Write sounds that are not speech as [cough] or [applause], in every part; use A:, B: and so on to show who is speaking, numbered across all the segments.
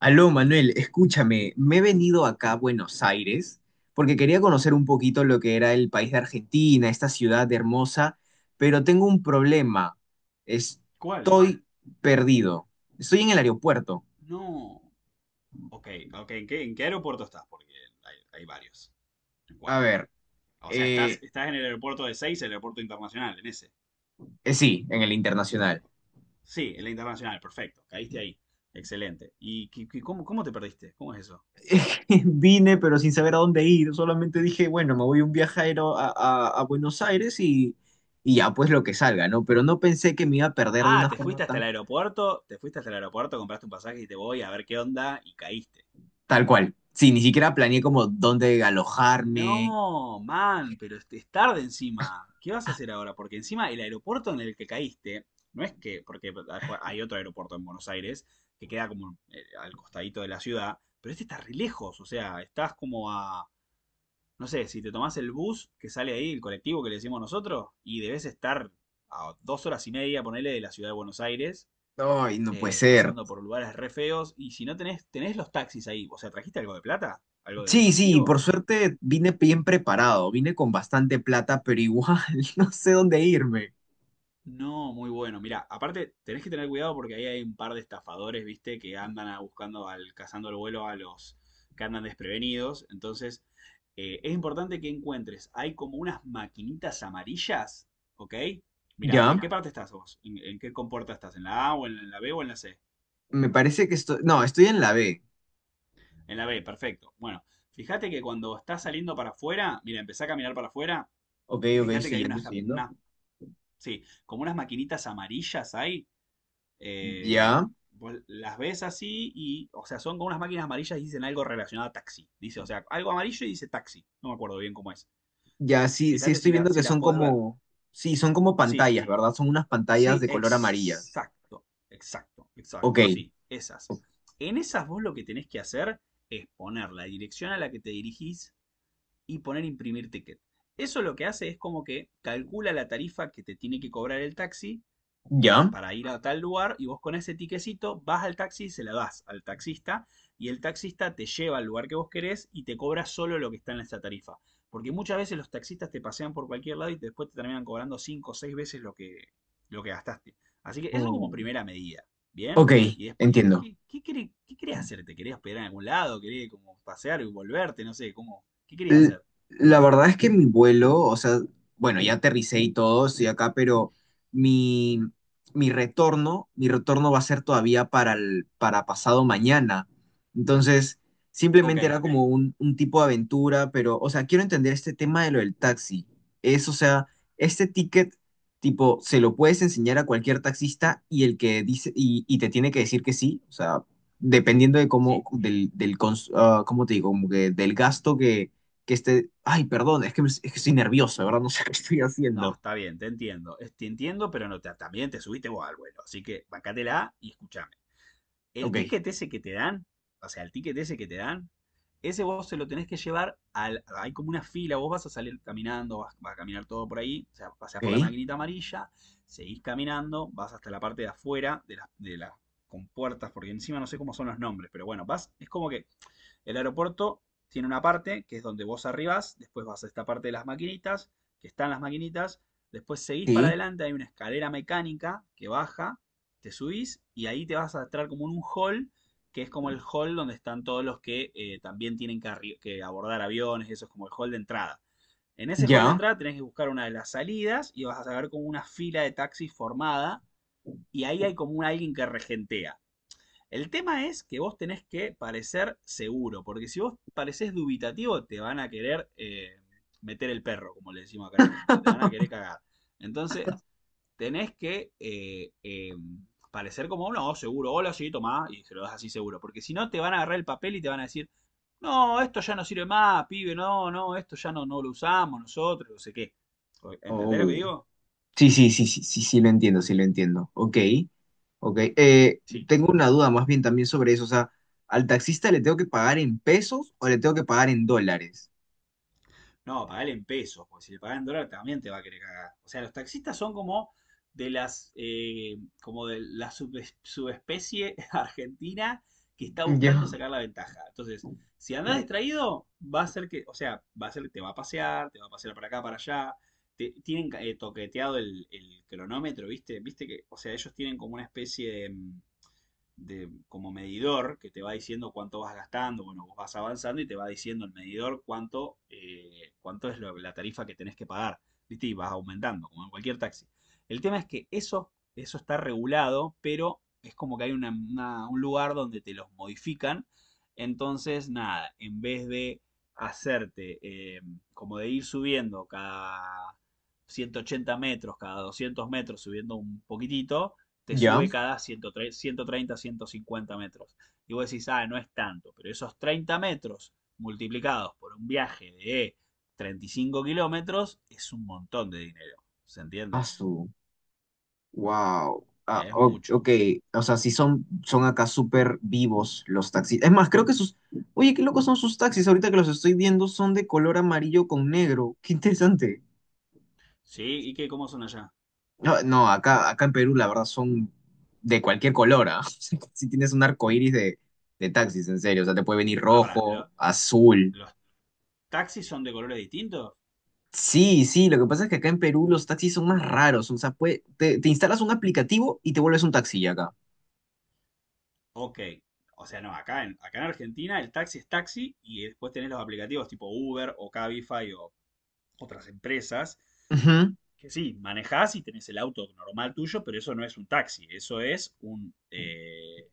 A: Aló, Manuel, escúchame, me he venido acá a Buenos Aires porque quería conocer un poquito lo que era el país de Argentina, esta ciudad hermosa, pero tengo un problema.
B: ¿Cuál?
A: Estoy perdido. Estoy en el aeropuerto.
B: No. Ok, ok. ¿En qué aeropuerto estás? Porque hay varios. ¿En
A: A
B: cuál?
A: ver,
B: O sea, estás,
A: eh,
B: estás en el aeropuerto de Seis, el aeropuerto internacional, en ese.
A: sí, en el internacional.
B: Sí, en la internacional, perfecto. Caíste ahí. Excelente. ¿Y cómo te perdiste? ¿Cómo es eso?
A: [laughs] Vine, pero sin saber a dónde ir. Solamente dije, bueno, me voy un viajero a Buenos Aires y ya, pues lo que salga, ¿no? Pero no pensé que me iba a perder de
B: Ah,
A: una
B: te
A: forma
B: fuiste hasta el
A: tan.
B: aeropuerto, te fuiste hasta el aeropuerto, compraste un pasaje y te voy a ver qué onda y caíste.
A: Tal cual. Sí, ni siquiera planeé como dónde alojarme.
B: No, man, pero es tarde encima. ¿Qué vas a hacer ahora? Porque encima el aeropuerto en el que caíste, no es que, porque después hay otro aeropuerto en Buenos Aires que queda como al costadito de la ciudad, pero este está re lejos, o sea, estás como a, no sé, si te tomás el bus que sale ahí, el colectivo que le decimos nosotros, y debes estar a 2 horas y media, ponele, de la ciudad de Buenos Aires,
A: Ay, no puede ser.
B: pasando por lugares re feos, y si no tenés, tenés los taxis ahí, o sea, ¿trajiste algo de plata? ¿Algo de
A: Sí, sí,
B: efectivo?
A: por suerte vine bien preparado, vine con bastante plata, pero igual [laughs] no sé dónde irme.
B: No, muy bueno. Mira, aparte tenés que tener cuidado porque ahí hay un par de estafadores, viste, que andan cazando el vuelo a los que andan desprevenidos. Entonces, es importante que encuentres. Hay como unas maquinitas amarillas, ¿ok? Mira, ¿en
A: Ya,
B: qué parte estás vos? ¿En qué compuerta estás? ¿En la A o en la B o en la C?
A: me parece que estoy, no, estoy en la B.
B: En la B, perfecto. Bueno, fíjate que cuando estás saliendo para afuera, mira, empezá a caminar para afuera
A: Ok,
B: y
A: ok,
B: fíjate que
A: estoy
B: hay
A: yendo,
B: unas,
A: estoy
B: cam-
A: yendo.
B: unas, sí, como unas maquinitas amarillas ahí, eh,
A: Ya,
B: vos las ves así y, o sea, son como unas máquinas amarillas y dicen algo relacionado a taxi. Dice, o sea, algo amarillo y dice taxi. No me acuerdo bien cómo es.
A: ya, sí, sí,
B: Fíjate si,
A: estoy
B: la,
A: viendo
B: si
A: que
B: las
A: son
B: podés ver.
A: como, sí, son como
B: Sí,
A: pantallas, ¿verdad? Son unas pantallas
B: sí,
A: de color amarillas.
B: exacto, exacto,
A: Ok,
B: exacto, sí, esas. En esas vos lo que tenés que hacer es poner la dirección a la que te dirigís y poner imprimir ticket. Eso lo que hace es como que calcula la tarifa que te tiene que cobrar el taxi
A: ya.
B: para ir a tal lugar y vos con ese tiquecito vas al taxi y se la das al taxista y el taxista te lleva al lugar que vos querés y te cobra solo lo que está en esa tarifa. Porque muchas veces los taxistas te pasean por cualquier lado y después te terminan cobrando 5 o 6 veces lo que, gastaste. Así que eso como
A: Mm.
B: primera medida, ¿bien?
A: Ok,
B: Y después, ¿qué,
A: entiendo.
B: qué, qué, querés, qué querés hacer? ¿Te querés hospedar en algún lado? ¿Querés como pasear y volverte? No sé, ¿cómo? ¿Qué querías
A: L-
B: hacer?
A: La verdad es que mi vuelo, o sea, bueno, ya aterricé y todo, estoy acá, pero mi, mi retorno va a ser todavía para para pasado mañana. Entonces,
B: Ok,
A: simplemente era como un tipo de aventura, pero, o sea, quiero entender este tema de lo del taxi. Es, o sea, este ticket, tipo, se lo puedes enseñar a cualquier taxista y el que dice, y te tiene que decir que sí, o sea, dependiendo de cómo,
B: sí.
A: cons- ah, ¿cómo te digo? Como que del gasto que esté, ay, perdón, es que, es que estoy nervioso, de ¿verdad? No sé [laughs] qué estoy
B: No,
A: haciendo.
B: está bien, te entiendo. Te entiendo, pero no te- también te subiste vos al vuelo. Así que bancátela y escúchame. El
A: Ok,
B: ticket ese que te dan, o sea, el ticket ese que te dan, ese vos se lo tenés que llevar al. Hay como una fila, vos vas a salir caminando, vas a caminar todo por ahí, o sea, pasás por la
A: ok,
B: maquinita amarilla, seguís caminando, vas hasta la parte de afuera de las compuertas, porque encima no sé cómo son los nombres, pero bueno, vas, es como que el aeropuerto tiene una parte que es donde vos arribás, después vas a esta parte de las maquinitas, que están las maquinitas, después seguís para
A: sí,
B: adelante, hay una escalera mecánica que baja, te subís y ahí te vas a entrar como en un hall, que es como el hall donde están todos los que también tienen que abordar aviones, eso es como el hall de entrada. En ese hall de
A: ya.
B: entrada tenés que buscar una de las salidas y vas a ver como una fila de taxis formada y ahí hay como un alguien que regentea. El tema es que vos tenés que parecer seguro, porque si vos parecés dubitativo, te van a querer meter el perro, como le decimos acá en Argentina, te van a querer cagar. Entonces, tenés que parecer como, no, seguro, hola, sí, tomá, y se lo das así seguro, porque si no, te van a agarrar el papel y te van a decir, no, esto ya no sirve más, pibe, no, no, esto ya no, no lo usamos nosotros, no sé qué. ¿Entendés lo que
A: Oh.
B: digo?
A: Sí, sí, sí, sí, sí, sí, lo entiendo, sí, lo entiendo. Ok, ok.
B: Sí.
A: Tengo una duda más bien también sobre eso. O sea, ¿al taxista le tengo que pagar en pesos o le tengo que pagar en dólares?
B: No, pagale en pesos, porque si le pagas en dólar también te va a querer cagar. O sea, los taxistas son como de las, como de la subespecie [laughs] argentina que está buscando
A: Ya,
B: sacar la ventaja. Entonces, si andás distraído, va a ser que, o sea, va a ser que te va a pasear para acá, para allá. Tienen toqueteado el cronómetro, ¿viste? ¿Viste que, o sea, ellos tienen como una especie de, como medidor que te va diciendo cuánto vas gastando, bueno, vos vas avanzando y te va diciendo el medidor cuánto es la tarifa que tenés que pagar, ¿viste? Y vas aumentando, como en cualquier taxi. El tema es que eso está regulado, pero es como que hay un lugar donde te los modifican. Entonces, nada, en vez de hacerte como de ir subiendo cada 180 metros, cada 200 metros, subiendo un poquitito, te
A: ya.
B: sube cada 130, 130, 150 metros. Y vos decís, ah, no es tanto, pero esos 30 metros multiplicados por un viaje de 35 kilómetros es un montón de dinero, ¿se
A: Ah,
B: entiende?
A: wow. Ah,
B: Es
A: ok,
B: mucho.
A: o sea, sí son, son acá súper vivos los taxis. Es más, creo que sus... Oye, qué locos son sus taxis. Ahorita que los estoy viendo son de color amarillo con negro. Qué interesante.
B: ¿Sí? ¿Y cómo son allá?
A: No, no, acá, acá en Perú la verdad son de cualquier color, ¿ah? [laughs] Si tienes un arco iris de taxis, en serio. O sea, te puede venir
B: Para, ¿lo-
A: rojo, azul.
B: ¿los taxis son de colores distintos?
A: Sí, sí, lo que pasa es que acá en Perú los taxis son más raros. O sea, te, te instalas un aplicativo y te vuelves un taxi acá.
B: Ok. O sea, no, acá en Argentina el taxi es taxi y después tenés los aplicativos tipo Uber o Cabify o otras empresas
A: Ujú.
B: que sí, manejás y tenés el auto normal tuyo, pero eso no es un taxi, eso es un,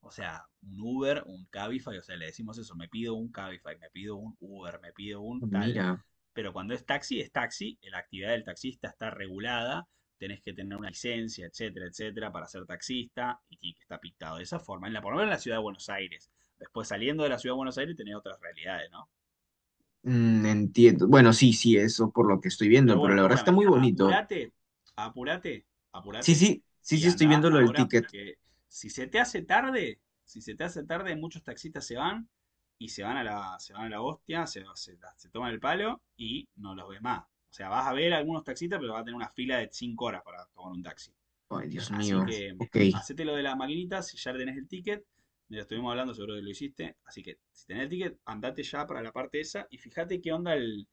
B: o sea, un Uber, un Cabify, o sea, le decimos eso, me pido un Cabify, me pido un Uber, me pido un tal.
A: Mira.
B: Pero cuando es taxi, la actividad del taxista está regulada, tenés que tener una licencia, etcétera, etcétera, para ser taxista, y tiene que estar pintado de esa forma, por lo menos en la ciudad de Buenos Aires. Después saliendo de la ciudad de Buenos Aires tenés otras realidades, ¿no?
A: Mm, entiendo. Bueno, sí, sí, eso por lo que estoy viendo,
B: Pero
A: pero
B: bueno,
A: la verdad está
B: escúchame,
A: muy bonito.
B: apúrate, apúrate,
A: Sí,
B: apúrate
A: sí, sí,
B: y
A: sí, estoy
B: anda
A: viendo lo del
B: ahora
A: ticket.
B: porque si se te hace tarde, si se te hace tarde, muchos taxistas se van y se van a la, se van a la hostia, se toman el palo y no los ves más. O sea, vas a ver algunos taxistas, pero vas a tener una fila de 5 horas para tomar un taxi.
A: Ay, Dios
B: Así
A: mío.
B: que
A: Ok.
B: hacete lo de la maquinita si ya tenés el ticket. Ya estuvimos hablando, seguro que lo hiciste. Así que si tenés el ticket, andate ya para la parte esa y fíjate qué onda el,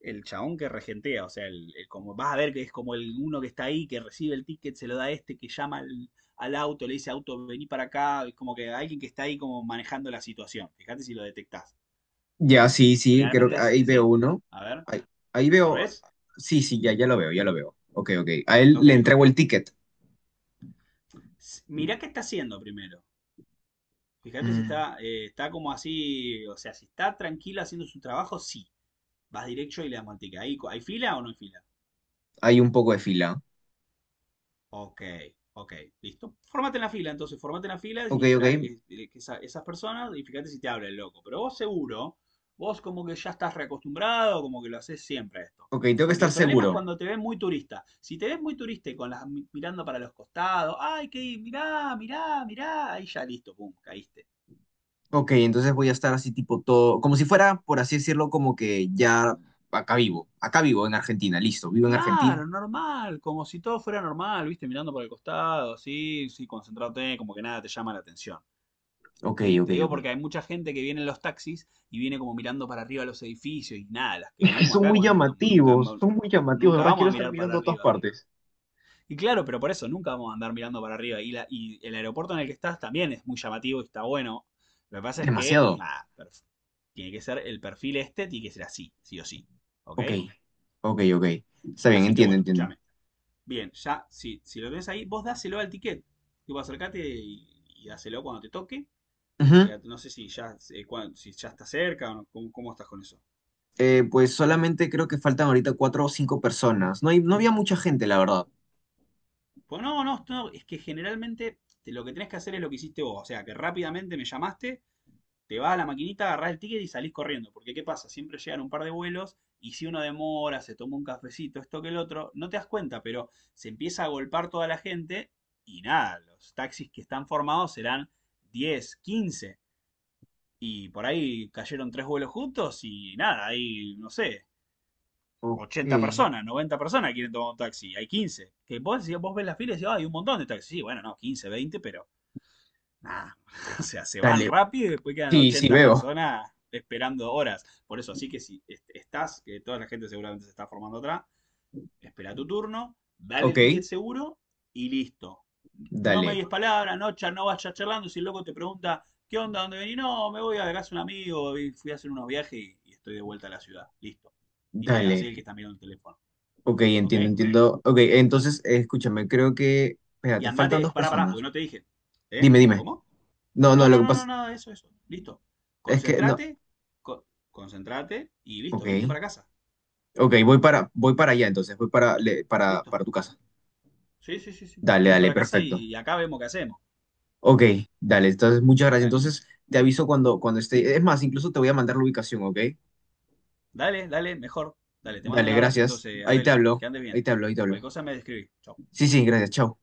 B: el chabón que regentea. O sea, vas a ver que es como el uno que está ahí, que recibe el ticket, se lo da a este, que llama al auto, le dice auto, vení para acá. Es como que alguien que está ahí como manejando la situación. Fíjate si lo detectás.
A: Ya, sí, sí, creo que
B: Generalmente es
A: ahí veo
B: C.
A: uno.
B: A ver,
A: Ahí, ahí
B: ¿lo
A: veo.
B: ves?
A: Sí, sí, ya, ya lo veo, ya lo veo. Ok, ok. A él le
B: Ok.
A: entrego el ticket.
B: Mirá qué está haciendo primero. Fíjate si
A: Mm,
B: está como así, o sea, si está tranquila haciendo su trabajo, sí. Vas directo y le das manteca. ¿Hay fila o no hay fila?
A: hay un poco de fila.
B: Ok, ok, listo. Formate en la fila, entonces, formate en la fila
A: Ok,
B: y espera
A: ok.
B: que esas personas y fíjate si te habla el loco. Pero vos seguro, vos como que ya estás reacostumbrado, como que lo haces siempre esto.
A: Ok, tengo que
B: Porque
A: estar
B: el problema es
A: seguro.
B: cuando te ves muy turista. Si te ves muy turista y con las mirando para los costados, ay, que mirá, mirá, mirá, ahí ya listo, pum, caíste.
A: Ok, entonces voy a estar así tipo todo, como si fuera, por así decirlo, como que ya acá vivo. Acá vivo en Argentina, listo. Vivo en Argentina.
B: Claro, normal, como si todo fuera normal, viste, mirando por el costado, sí, sí, concentrate, como que nada te llama la atención,
A: Ok,
B: ¿sí?
A: ok,
B: Te digo
A: ok.
B: porque hay mucha gente que viene en los taxis y viene como mirando para arriba los edificios y nada, las que
A: Es que
B: vivimos acá cuando nunca,
A: son muy llamativos, de
B: nunca
A: verdad
B: vamos a
A: quiero estar
B: mirar para
A: mirando a todas
B: arriba.
A: partes.
B: Y claro, pero por eso nunca vamos a andar mirando para arriba. Y el aeropuerto en el que estás también es muy llamativo y está bueno. Lo que pasa es que,
A: Demasiado.
B: nada, tiene que ser el perfil este, tiene que ser así, sí o sí, ¿ok?
A: Ok, ok, ok. Está bien,
B: Así que
A: entiendo,
B: bueno,
A: entiendo.
B: escúchame. Bien, ya, si lo tenés ahí, vos dáselo al ticket. Tipo, acercate y dáselo cuando te toque.
A: Ujú.
B: Fíjate, no sé si ya está cerca o no, cómo estás con eso.
A: Pues solamente creo que faltan ahorita cuatro o cinco personas. No hay, no había mucha gente, la verdad.
B: Pues no, no, no, es que generalmente lo que tenés que hacer es lo que hiciste vos. O sea, que rápidamente me llamaste, te vas a la maquinita, agarrás el ticket y salís corriendo. Porque, ¿qué pasa? Siempre llegan un par de vuelos y si uno demora, se toma un cafecito, esto que el otro, no te das cuenta, pero se empieza a golpar toda la gente y nada, los taxis que están formados serán 10, 15. Y por ahí cayeron tres vuelos juntos y nada, ahí, no sé,
A: Ok.
B: 80 personas, 90 personas quieren tomar un taxi, hay 15. Que vos, si vos ves las filas y decís, ah, hay un montón de taxis. Sí, bueno, no, 15, 20 pero nada. [laughs] O sea, se van
A: Dale.
B: rápido y después quedan
A: Sí, sí,
B: 80
A: veo.
B: personas esperando horas. Por eso, así que si estás, que toda la gente seguramente se está formando atrás, espera tu turno, dale el
A: Ok.
B: ticket seguro y listo, no
A: Dale,
B: medias palabras, no, no vayas charlando. Si el loco te pregunta, ¿qué onda? ¿Dónde venís? No, me voy a la casa de un amigo, fui a hacer unos viajes y estoy de vuelta a la ciudad. Listo. Y te hace
A: dale.
B: el que está mirando el teléfono.
A: Ok,
B: ¿Ok?
A: entiendo, entiendo. Ok, entonces, escúchame, creo que...
B: Y
A: Espérate, faltan
B: andate,
A: dos
B: pará, pará,
A: personas.
B: porque no te dije. ¿Eh?
A: Dime, dime.
B: ¿Cómo?
A: No, no,
B: No,
A: lo
B: no,
A: que
B: no, no,
A: pasa
B: nada de eso, eso. Listo.
A: es que no.
B: Concentrate, concentrate y listo, venite
A: Ok.
B: para casa.
A: Ok, voy para, voy para allá entonces, voy para,
B: Listo.
A: para tu casa.
B: Sí, sí, sí, sí.
A: Dale,
B: Venite
A: dale,
B: para casa
A: perfecto.
B: y acá vemos qué hacemos.
A: Ok, dale, entonces muchas gracias.
B: Dale,
A: Entonces te aviso cuando, cuando esté. Es más, incluso te voy a mandar la ubicación, ¿ok?
B: dale, dale, mejor. Dale, te mando un
A: Dale,
B: abrazo
A: gracias.
B: entonces,
A: Ahí te
B: Adel.
A: hablo,
B: Que andes
A: ahí
B: bien.
A: te hablo, ahí te hablo.
B: Cualquier cosa me describí. Chau.
A: Sí, sí, gracias, chao.